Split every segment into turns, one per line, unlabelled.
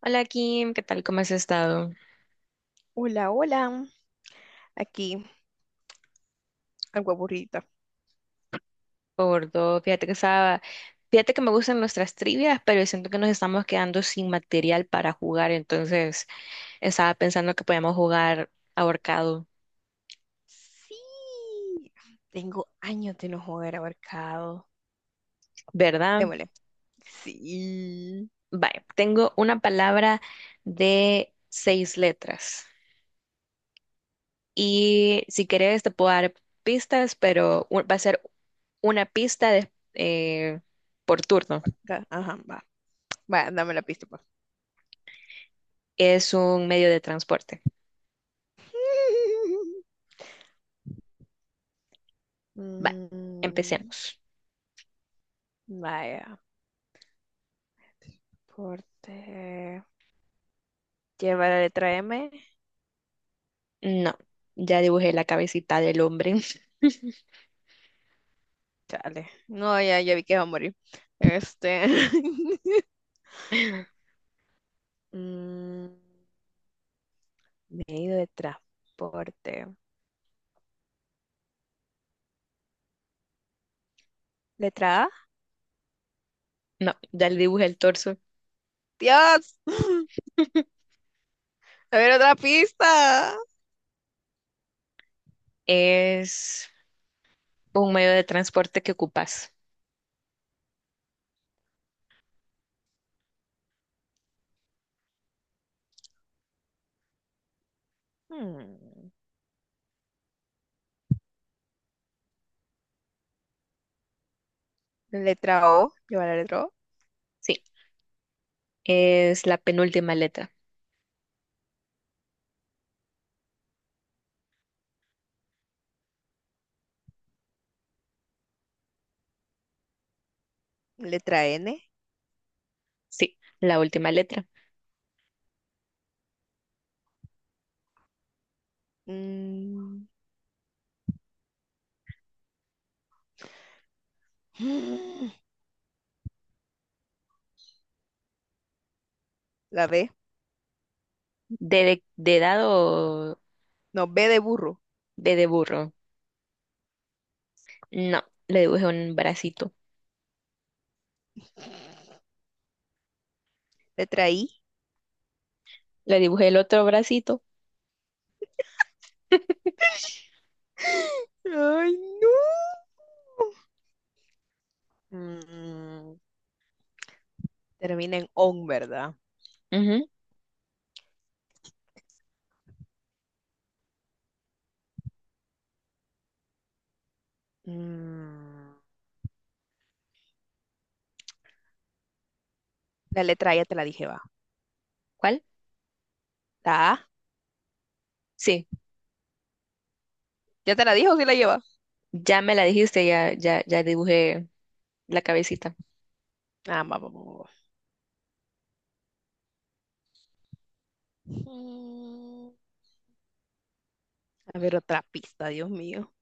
Hola Kim, ¿qué tal? ¿Cómo has estado?
Hola, hola. Aquí, algo aburrida.
Por todo, fíjate que me gustan nuestras trivias, pero siento que nos estamos quedando sin material para jugar, entonces estaba pensando que podíamos jugar ahorcado,
Sí, tengo años de no jugar ahorcado.
¿verdad?
Démosle. Sí.
Vale, tengo una palabra de seis letras y si quieres te puedo dar pistas, pero va a ser una pista por turno.
Acá, ajá, va. Vaya, dame la pista, pues.
Es un medio de transporte. Vale,
Mm,
empecemos.
vaya, porte. Lleva la letra M.
No, ya dibujé la cabecita del hombre.
Chale. No, ya, ya vi que va a morir. Este. Mm, medio de transporte. ¿Letra A?
No, ya le dibujé el torso.
¡Dios! A ver, otra pista.
Es un medio de transporte que ocupas.
Hmm. Letra O, lleva la letra O.
Sí, es la penúltima letra.
Letra N.
Sí, la última letra.
Mm. La B.
¿De, de dado
No, B de burro.
de burro? No, le dibujé un bracito.
Letra I.
Le dibujé el otro bracito.
Ay, no. Mm. Termina en on, ¿verdad?
Ujú.
Mm. La letra I ya te la dije, va.
¿Cuál?
La A.
Sí,
¿Ya te la dije o sí la lleva?
ya me la dijiste, ya dibujé la cabecita.
Ah, vamos, vamos, vamos. Mm, A ver, otra pista, Dios mío.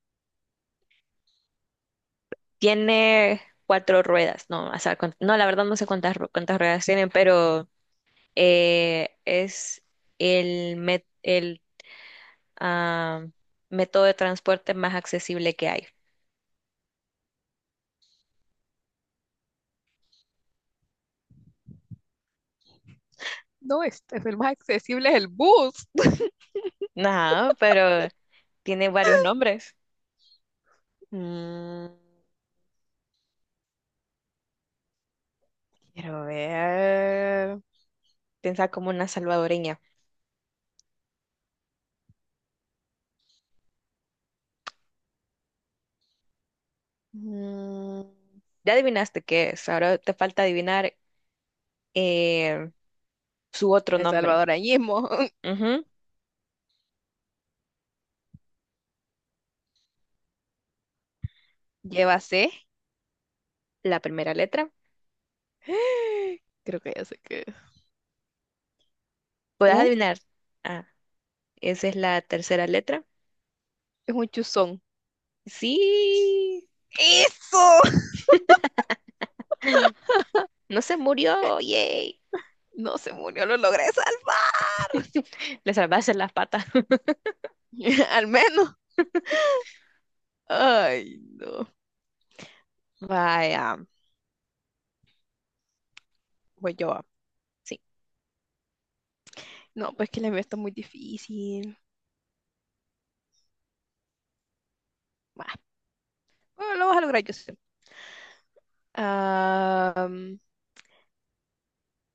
Tiene cuatro ruedas. No, o sea, no, la verdad no sé cuántas, cuántas ruedas tienen, pero es el ah, método de transporte más accesible que hay.
No, este es el más accesible, es el bus.
Ajá, pero tiene varios nombres.
Mm. Quiero ver.
Piensa como una salvadoreña.
Mm,
Ya adivinaste qué es. Ahora te falta adivinar eh, su otro
El
nombre.
Salvador ahí.
Ujú.
Lleva C.
La primera letra.
Creo que ya sé qué es.
¿Puedes
U
adivinar? Ah, esa es la tercera letra.
es un chuzón.
Sí.
¡Eso!
No se murió. Yay.
No se murió, lo logré salvar.
Le salvaste las patas.
Al menos. Ay, no. Vaya, voy yo. Ah.
Sí.
No, pues que la mía está muy difícil. Bah, bueno, lo vas a lograr, yo sé. Am,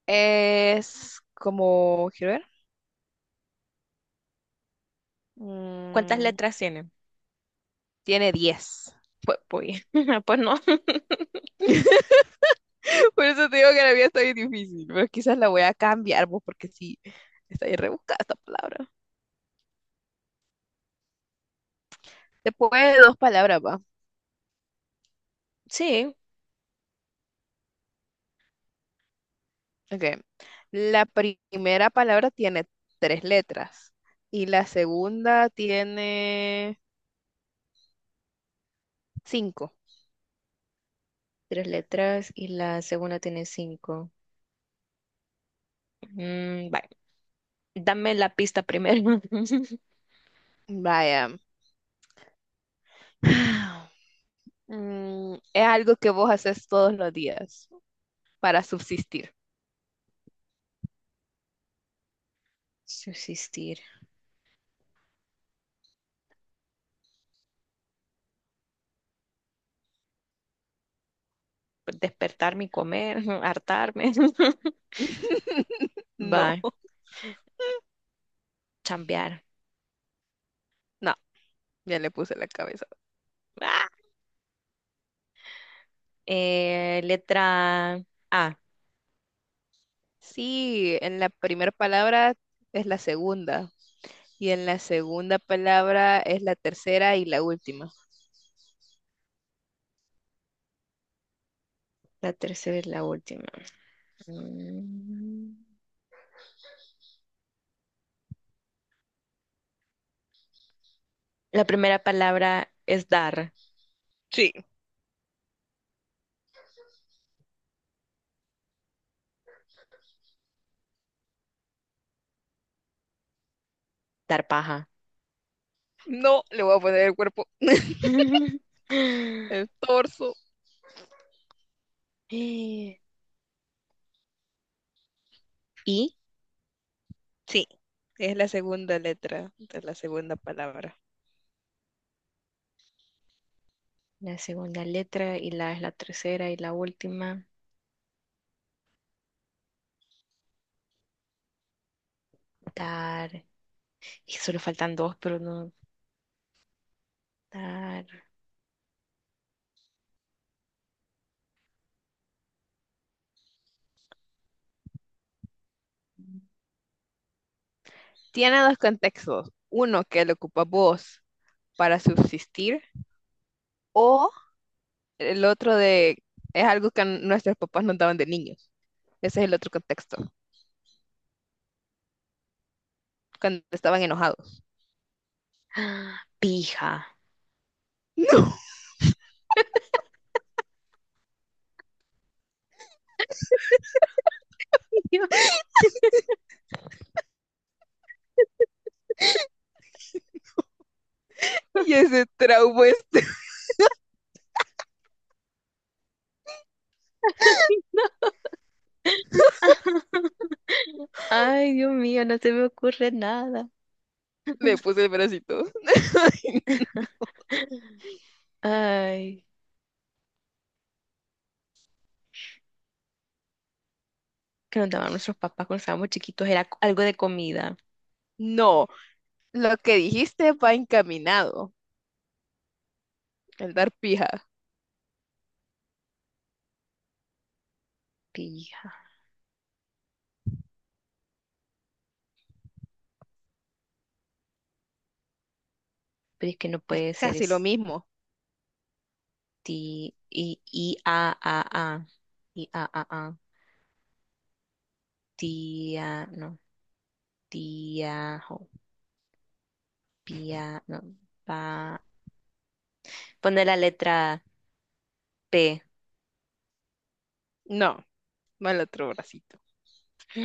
es como, quiero ver.
¿Cuántas
Mm,
letras tiene?
tiene 10.
Pues, pues no.
Por eso te digo que la vida está bien difícil, pero quizás la voy a cambiar, vos, porque sí, está bien rebuscada esta palabra. Después de dos palabras, va.
Sí,
Ok. La primera palabra tiene tres letras y la segunda tiene cinco.
tres letras y la segunda tiene cinco. Mm, vale. Dame la pista primero.
Vaya. Es algo que vos haces todos los días para subsistir.
Subsistir. Despertarme y comer, hartarme.
No,
Va, chambear.
no, ya le puse la cabeza.
Ah, letra A.
Sí, en la primera palabra es la segunda. Y en la segunda palabra es la tercera y la última.
La tercera es la última. Mm, La primera palabra es dar,
Sí,
dar paja.
no le voy a poner el cuerpo, el torso.
¿Y?
Sí, es la segunda letra de la segunda palabra.
La segunda letra y la es la tercera y la última. Tar. Y solo faltan dos, pero no. Tar.
Tiene dos contextos. Uno que lo ocupa vos para subsistir, o el otro de, es algo que nuestros papás nos daban de niños. Ese es el otro contexto, cuando estaban enojados.
Ah, pija. Yo,
Y ese trauma, este,
ay, no. Ay, Dios mío, no se me ocurre nada.
le puse el bracito.
Ay, que nos daban nuestros papás cuando estábamos chiquitos era algo de comida.
No, lo que dijiste va encaminado, el dar pija.
Pija. Pero es que no puede ser
Casi lo
es
mismo.
ti- i i a a. Y a, a, tía, no, tiajo, pia, no, pa. Pone la letra P.
No, no el otro bracito.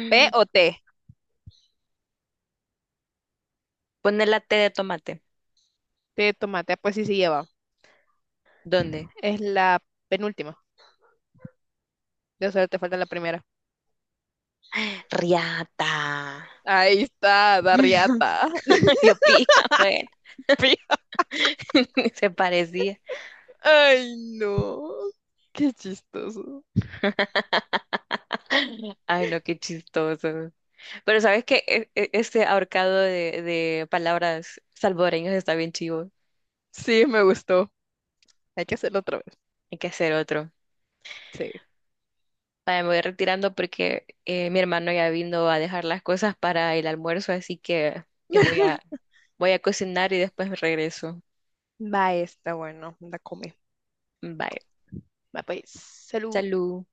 ¿P o T?
Pone la T de tomate.
Té de tomate, ah, pues sí se lleva.
¿Dónde?
Es la penúltima. De solo te falta la primera.
Riata.
Ahí está, Darriata.
Yo pija, bueno.
Pi-
Se parecía.
Ay, no. Qué chistoso.
Ay, no, qué chistoso. Pero sabes que este ahorcado de palabras salvadoreñas está bien chivo.
Sí, me gustó. Hay que hacerlo otra vez.
Hay que hacer otro.
Sí.
Vaya, me voy retirando porque mi hermano ya vino a dejar las cosas para el almuerzo, así que eh, voy a, voy a cocinar y después me regreso.
Va, está bueno. La come.
Bye.
Va, pues. Salud.
Salud.